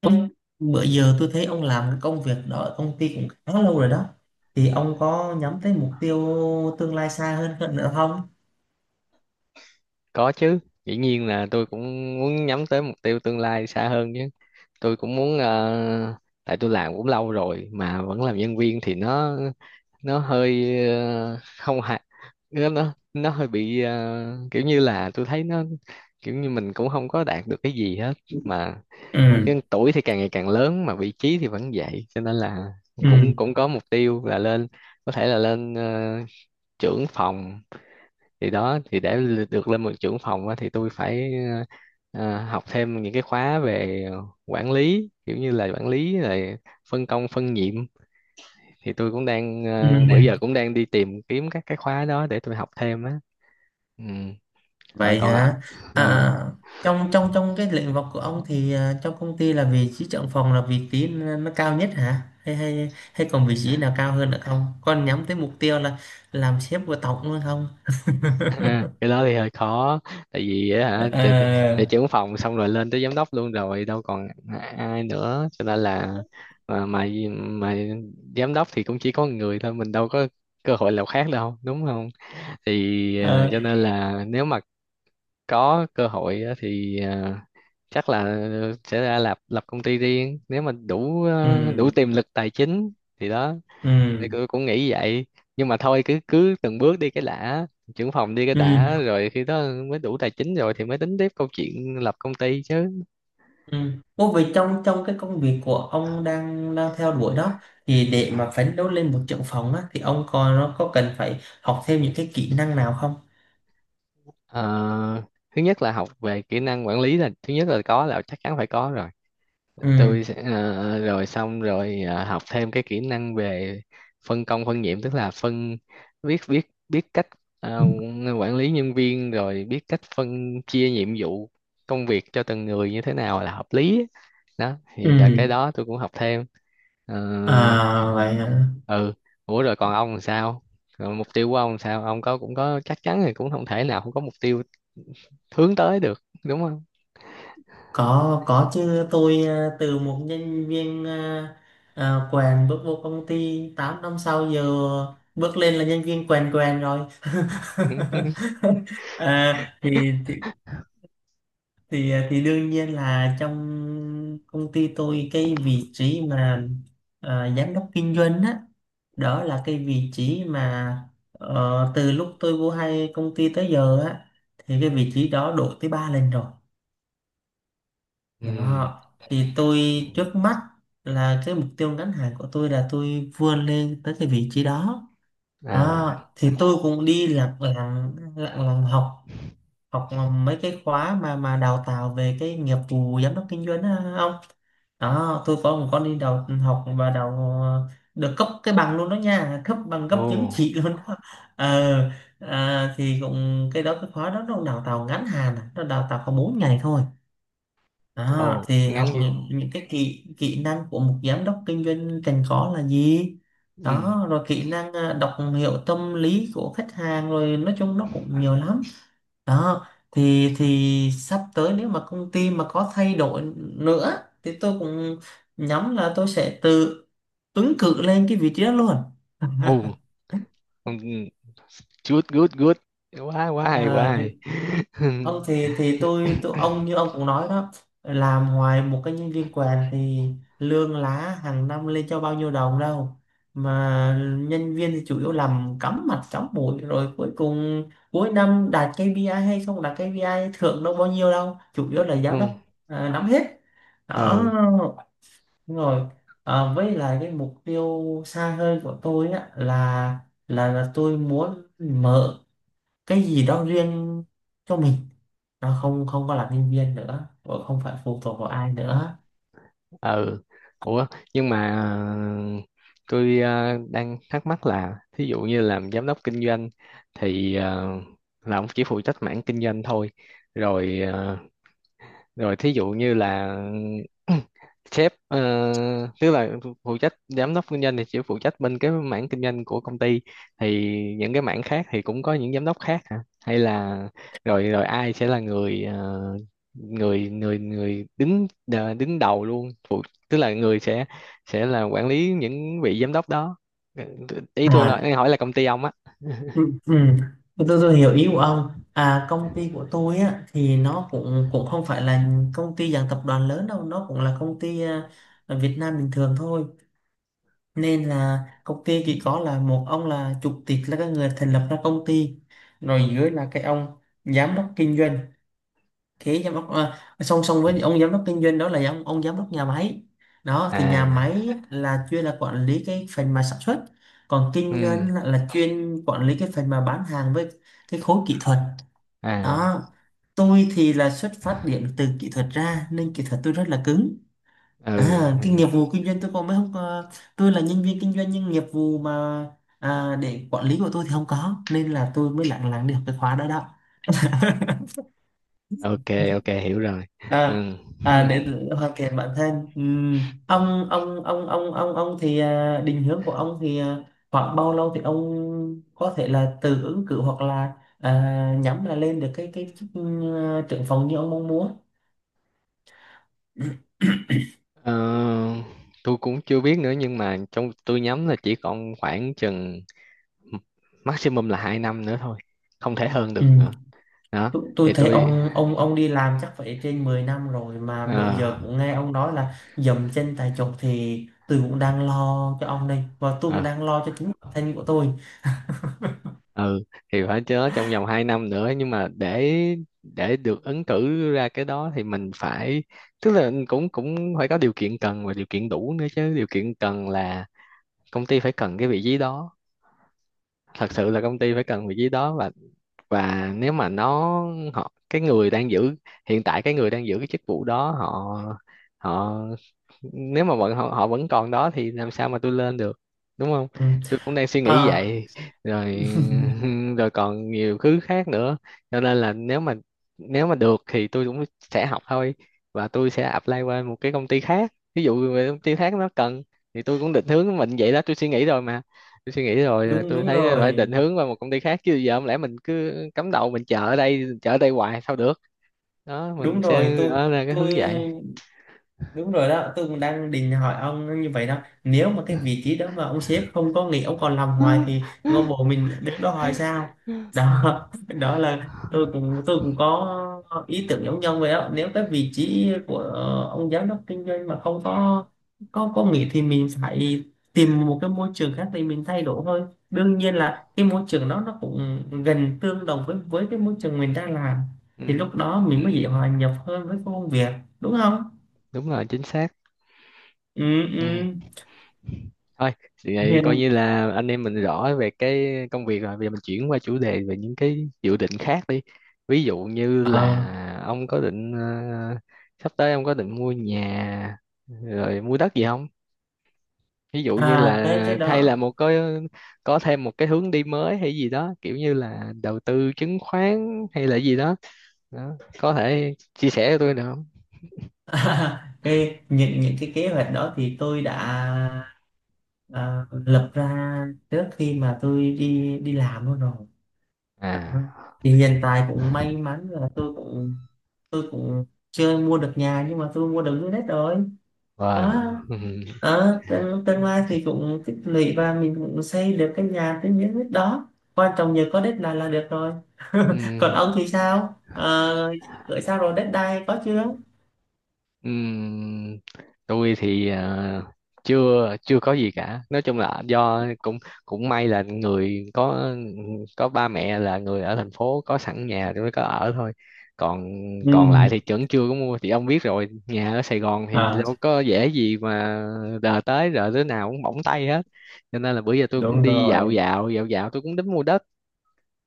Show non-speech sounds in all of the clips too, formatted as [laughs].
Ông- Bữa giờ tôi thấy ông làm cái công việc đó ở công ty cũng khá lâu rồi đó, thì ông có nhắm tới mục tiêu tương lai xa hơn hơn nữa không? Có chứ, dĩ nhiên là tôi cũng muốn nhắm tới mục tiêu tương lai xa hơn chứ. Tôi cũng muốn tại tôi làm cũng lâu rồi mà vẫn làm nhân viên thì nó hơi không hài, nó hơi bị kiểu như là tôi thấy nó kiểu như mình cũng không có đạt được cái gì hết mà, Ừ, nhưng tuổi thì càng ngày càng lớn mà vị trí thì vẫn vậy, cho nên là cũng ừ, cũng có mục tiêu là lên, có thể là lên trưởng phòng. Thì đó, thì được lên một trưởng phòng á, thì tôi phải học thêm những cái khóa về quản lý, kiểu như là quản lý rồi phân công phân nhiệm. Thì tôi cũng đang ừ. Bữa giờ cũng đang đi tìm kiếm các cái khóa đó để tôi học thêm á, ừ. Rồi Vậy còn ạ, hả? ừ. à, trong trong trong cái lĩnh vực của ông thì trong công ty là vị trí trưởng phòng là vị trí nó cao nhất hả, hay hay hay còn vị trí nào cao hơn nữa không, con nhắm tới mục tiêu là làm sếp của tổng luôn không? Ha, [laughs] cái đó thì hơi khó, tại vì á hả thì à, trưởng phòng xong rồi lên tới giám đốc luôn rồi đâu còn ai nữa cho nên là, mà mà, mà giám đốc thì cũng chỉ có một người thôi, mình đâu có cơ hội nào khác đâu, đúng không. Thì à, cho nên là nếu mà có cơ hội á, thì chắc là sẽ ra lập lập công ty riêng, nếu mà đủ đủ ừ, tiềm lực tài chính, thì đó. Thì ừ, tôi cũng nghĩ vậy, nhưng mà thôi cứ cứ từng bước đi cái đã, trưởng phòng đi cái ừ. đã rồi khi đó mới đủ tài chính rồi thì mới tính tiếp câu chuyện lập công ty chứ. Ừ. Ô, vậy trong trong cái công việc của ông đang đang theo đuổi đó, thì để mà phấn đấu lên một trưởng phòng á thì ông còn nó có cần phải học thêm những cái kỹ năng nào không? Ờ, thứ nhất là học về kỹ năng quản lý là thứ nhất, là có là chắc chắn phải có rồi. Ừ. Tôi sẽ rồi xong rồi học thêm cái kỹ năng về phân công phân nhiệm, tức là phân biết biết biết cách ờ, quản lý nhân viên, rồi biết cách phân chia nhiệm vụ công việc cho từng người như thế nào là hợp lý á. Đó Ừ. thì là cái đó tôi cũng học thêm. Ờ, À vậy hả? ừ, ủa rồi còn ông làm sao, rồi mục tiêu của ông làm sao, ông có cũng có chắc chắn thì cũng không thể nào không có mục tiêu hướng tới được, đúng không. Có chứ, tôi từ một nhân viên quèn bước vô công ty 8 năm sau giờ bước lên là nhân viên quèn quèn rồi. [laughs] [laughs] à, thì, thì thì đương nhiên là trong công ty tôi cái vị trí mà giám đốc kinh doanh á, đó là cái vị trí mà từ lúc tôi vô hay công ty tới giờ á, thì cái vị trí đó đổi tới ba lần rồi. ừ, Đó, thì tôi trước mắt là cái mục tiêu ngắn hạn của tôi là tôi vươn lên tới cái vị trí đó. à, Đó, thì tôi cũng đi lặng lặng lặng lặng học, học mấy cái khóa mà đào tạo về cái nghiệp vụ giám đốc kinh doanh á ông. Đó, tôi có một con đi đào học và đào ờ, được cấp cái bằng luôn đó nha, cấp bằng, cấp ồ. chứng chỉ [laughs] luôn đó. Ờ, thì cũng cái đó, cái khóa đó nó đào tạo ngắn hạn, nó đào tạo có 4 ngày thôi. Đó Ồ, thì học ngắn như, những cái kỹ kỹ năng của một giám đốc kinh doanh cần có là gì, ừ. đó rồi kỹ năng đọc hiểu tâm lý của khách hàng, rồi nói chung nó cũng nhiều lắm. Đó, thì sắp tới nếu mà công ty mà có thay đổi nữa thì tôi cũng nhắm là tôi sẽ tự ứng cử lên cái vị trí đó luôn. [laughs] Ồ, oh, good, good, good. Quá, quá hay, quá à, hay. Không [laughs] thì tôi ông, như ông cũng nói đó, làm hoài một cái nhân viên quèn thì lương lá hàng năm lên cho bao nhiêu đồng đâu mà, nhân viên thì chủ yếu làm cắm mặt cắm mũi rồi cuối cùng cuối năm đạt KPI hay không đạt KPI, thưởng đâu bao nhiêu đâu, chủ yếu là Ừ, giám đốc nắm hết đó. ờ, Đúng rồi, với lại cái mục tiêu xa hơn của tôi á là tôi muốn mở cái gì đó riêng cho mình, nó không không có làm nhân viên nữa và không phải phụ thuộc vào ai nữa. ờ. Ủa, nhưng mà tôi đang thắc mắc là thí dụ như làm giám đốc kinh doanh thì là ông chỉ phụ trách mảng kinh doanh thôi. Rồi rồi thí dụ như là [clears throat] sếp, tức là phụ trách giám đốc kinh doanh thì chỉ phụ trách bên cái mảng kinh doanh của công ty, thì những cái mảng khác thì cũng có những giám đốc khác hả, hay là rồi rồi ai sẽ là người người đứng đứng đầu luôn phụ, tức là người sẽ là quản lý những vị giám đốc đó. Ừ, ý tôi À, nói hỏi là công ty ông á. ừ, ừ. Tôi hiểu ý của ông. À công ty của tôi á thì nó cũng cũng không phải là công ty dạng tập đoàn lớn đâu, nó cũng là công ty ở Việt Nam bình thường thôi, nên là công ty chỉ có là một ông là chủ tịch là cái người thành lập ra công ty, rồi dưới là cái ông giám đốc kinh doanh. Thế giám đốc song song với ông giám đốc kinh doanh đó là ông giám đốc nhà máy. Đó thì nhà À, máy là chuyên là quản lý cái phần mà sản xuất, còn ừ, kinh doanh là chuyên quản lý cái phần mà bán hàng với cái khối kỹ thuật à, đó. Tôi thì là xuất phát điểm từ kỹ thuật ra nên kỹ thuật tôi rất là cứng, ừ, cái ừ, nghiệp vụ kinh doanh tôi còn mới không có, tôi là nhân viên kinh doanh nhưng nghiệp vụ mà để quản lý của tôi thì không có, nên là tôi mới lặng lặng được cái khóa đó đó. ok, ok, hiểu rồi, à ừ. Để [laughs] hoàn thiện bản thân. Ông thì định hướng của ông thì khoảng bao lâu thì ông có thể là tự ứng cử hoặc là nhắm là lên được cái chức trưởng phòng như ông mong muốn? [clears throat] Ờ, tôi cũng chưa biết nữa nhưng mà trong tôi nhắm là chỉ còn khoảng chừng maximum là 2 năm nữa thôi, không thể hơn Ừ. được nữa, đó. Tôi Thì thấy tôi ông đi làm chắc phải trên 10 năm rồi mà bữa ờ giờ cũng nghe ông nói là dậm chân tại chỗ, thì tôi cũng đang lo cho ông đây, và tôi cũng ờ, đang lo cho chính bản thân của tôi. ừ thì phải chớ, trong vòng 2 năm nữa, nhưng mà để được ứng cử ra cái đó thì mình phải, tức là cũng cũng phải có điều kiện cần và điều kiện đủ nữa chứ. Điều kiện cần là công ty phải cần cái vị trí đó, thật sự là công ty phải cần vị trí đó, và nếu mà nó, họ cái người đang giữ, hiện tại cái người đang giữ cái chức vụ đó họ, họ, nếu mà vẫn họ vẫn còn đó thì làm sao mà tôi lên được, đúng không. Ừ. Tôi cũng đang suy nghĩ À, vậy, rồi. [laughs] [laughs] Rồi còn nhiều thứ khác nữa, cho nên là nếu mà, nếu mà được thì tôi cũng sẽ học thôi, và tôi sẽ apply qua một cái công ty khác, ví dụ về công ty khác nó cần, thì tôi cũng định hướng mình vậy đó. Tôi suy nghĩ rồi mà, tôi suy nghĩ rồi à, đúng, tôi đúng thấy phải rồi. định hướng vào một công ty khác chứ giờ không lẽ mình cứ cắm đầu mình chờ ở đây, chờ ở đây hoài sao được. Đó, mình Đúng rồi, sẽ tôi ở ra cái hướng tôi vậy. đúng rồi đó, tôi cũng đang định hỏi ông như vậy đó. Nếu mà cái vị trí đó mà ông sếp không có nghỉ, ông còn làm hoài thì ngôi mộ [laughs] mình đứng đó hoài sao? Đó, Ừ, [laughs] đó là tôi cũng có ý tưởng giống nhau vậy đó, nếu cái vị trí của ông giám đốc kinh doanh mà không có có nghỉ thì mình phải tìm một cái môi trường khác để mình thay đổi thôi. Đương nhiên là cái môi trường đó nó cũng gần tương đồng với cái môi trường mình đang làm, thì ừ, lúc đó mình mới dễ hòa nhập hơn với công việc, đúng không? đúng rồi, chính xác, Ừ, ừ. ừ. Thôi thì vậy, coi Hiền. như là anh em mình rõ về cái công việc rồi, bây giờ mình chuyển qua chủ đề về những cái dự định khác đi. Ví dụ như là Ờ, ông có định sắp tới ông có định mua nhà rồi mua đất gì không, ví dụ như là, cái hay là đó, một cái, có thêm một cái hướng đi mới hay gì đó, kiểu như là đầu tư chứng khoán hay là gì đó, đó. Có thể chia sẻ cho tôi được không. [laughs] cái những cái kế hoạch đó thì tôi đã lập ra trước khi mà tôi đi đi làm luôn rồi. Đó, À, thì hiện tại cũng may mắn là tôi cũng chưa mua được nhà nhưng mà tôi mua được dưới đất rồi. wow. Đó. [laughs] Ờ, Ừ. tương lai thì cũng tích lũy và mình cũng xây được cái nhà tới những đất đó, quan trọng nhờ có đất là được rồi. Ừ. [laughs] Còn ông thì sao, gửi sao rồi, đất đai có chưa? Ừm, tôi thì à, chưa chưa có gì cả, nói chung là do cũng cũng may là người có ba mẹ là người ở thành phố có sẵn nhà tôi mới có ở thôi, còn còn Ừ. lại thì vẫn chưa có mua. Thì ông biết rồi, nhà ở Sài Gòn thì À, đâu có dễ gì mà đờ tới, rồi đứa nào cũng bỏng tay hết, cho nên là bữa giờ tôi cũng đúng đi dạo rồi. dạo dạo dạo tôi cũng đến mua đất.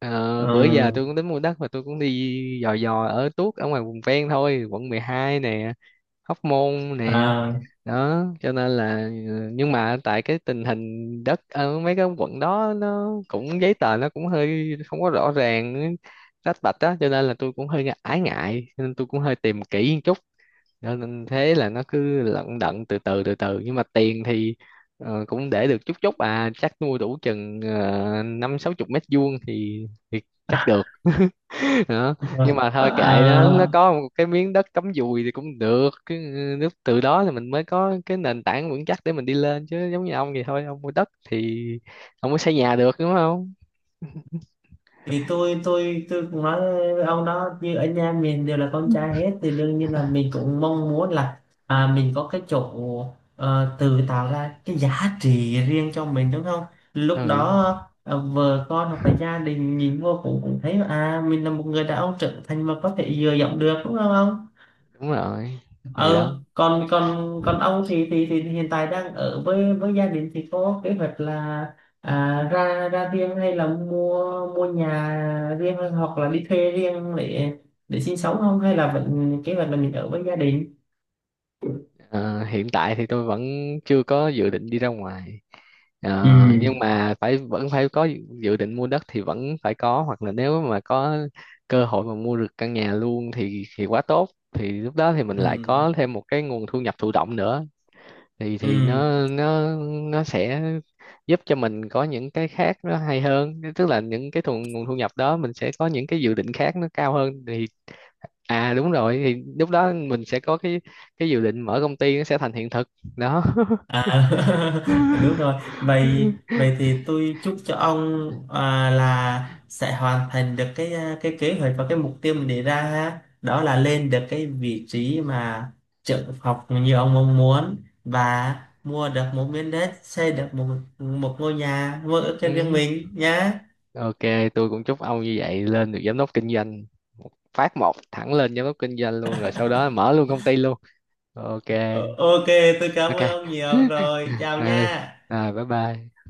Ờ, bữa giờ Ừ. tôi cũng tính mua đất mà tôi cũng đi dò dò ở tuốt ở ngoài vùng ven thôi, quận 12 nè, Hóc Môn nè, À, đó. Cho nên là nhưng mà tại cái tình hình đất ở mấy cái quận đó nó cũng giấy tờ nó cũng hơi không có rõ ràng, rách bạch á, cho nên là tôi cũng hơi ái ngại, cho nên tôi cũng hơi tìm kỹ một chút. Cho nên thế là nó cứ lận đận từ từ, nhưng mà tiền thì cũng để được chút chút à, chắc nuôi đủ chừng năm sáu chục mét vuông thì chắc được. [laughs] Đó. Nhưng [laughs] mà thôi kệ nó à, có một cái miếng đất cắm dùi thì cũng được, cái nước từ đó thì mình mới có cái nền tảng vững chắc để mình đi lên chứ, giống như ông vậy thôi, ông mua đất thì ông mới xây nhà được, đúng không. thì tôi cũng nói với ông đó, như ở nhà mình đều là con trai hết thì đương nhiên là mình cũng mong muốn là mình có cái chỗ tự tạo ra cái giá trị riêng cho mình đúng không, lúc đó Ừ, vợ con hoặc là gia đình nhìn vô cũng cũng thấy à mình là một người đàn ông trưởng thành mà có thể dựa dẫm được, đúng không ông? đúng rồi, thì đó. Ờ, còn còn còn ông thì, hiện tại đang ở với gia đình thì có kế hoạch là à, ra ra riêng, hay là mua mua nhà riêng, hoặc là đi thuê riêng để sinh sống không, hay là vẫn kế hoạch là mình ở với gia đình? Ờ, hiện tại thì tôi vẫn chưa có dự định đi ra ngoài, Ờ, nhưng Ừ, mà phải vẫn phải có dự định mua đất thì vẫn phải có, hoặc là nếu mà có cơ hội mà mua được căn nhà luôn thì quá tốt, thì lúc đó thì mình ừ, lại có thêm một cái nguồn thu nhập thụ động nữa, thì ừ. nó nó sẽ giúp cho mình có những cái khác nó hay hơn, tức là những cái thu, nguồn thu nhập đó mình sẽ có những cái dự định khác nó cao hơn thì, à đúng rồi, thì lúc đó mình sẽ có cái dự định mở công ty nó sẽ thành hiện thực, đó. À, [laughs] đúng [laughs] rồi. Vậy Vậy thì tôi chúc cho ông là sẽ hoàn thành được cái kế hoạch và cái mục tiêu mình đề ra ha. Đó là lên được cái vị trí mà trợ học như ông mong muốn, và mua được một miếng đất, xây được một một ngôi nhà, mua ở cho riêng Ừ. mình nhá. Ok, tôi cũng chúc ông như vậy, lên được giám đốc kinh doanh. Phát một thẳng lên giám đốc kinh doanh luôn rồi sau đó mở luôn công ty luôn. Ok, Ờ, ok, tôi cảm ok. ơn ông nhiều [laughs] rồi. Chào Ừ, nha. Bye bye.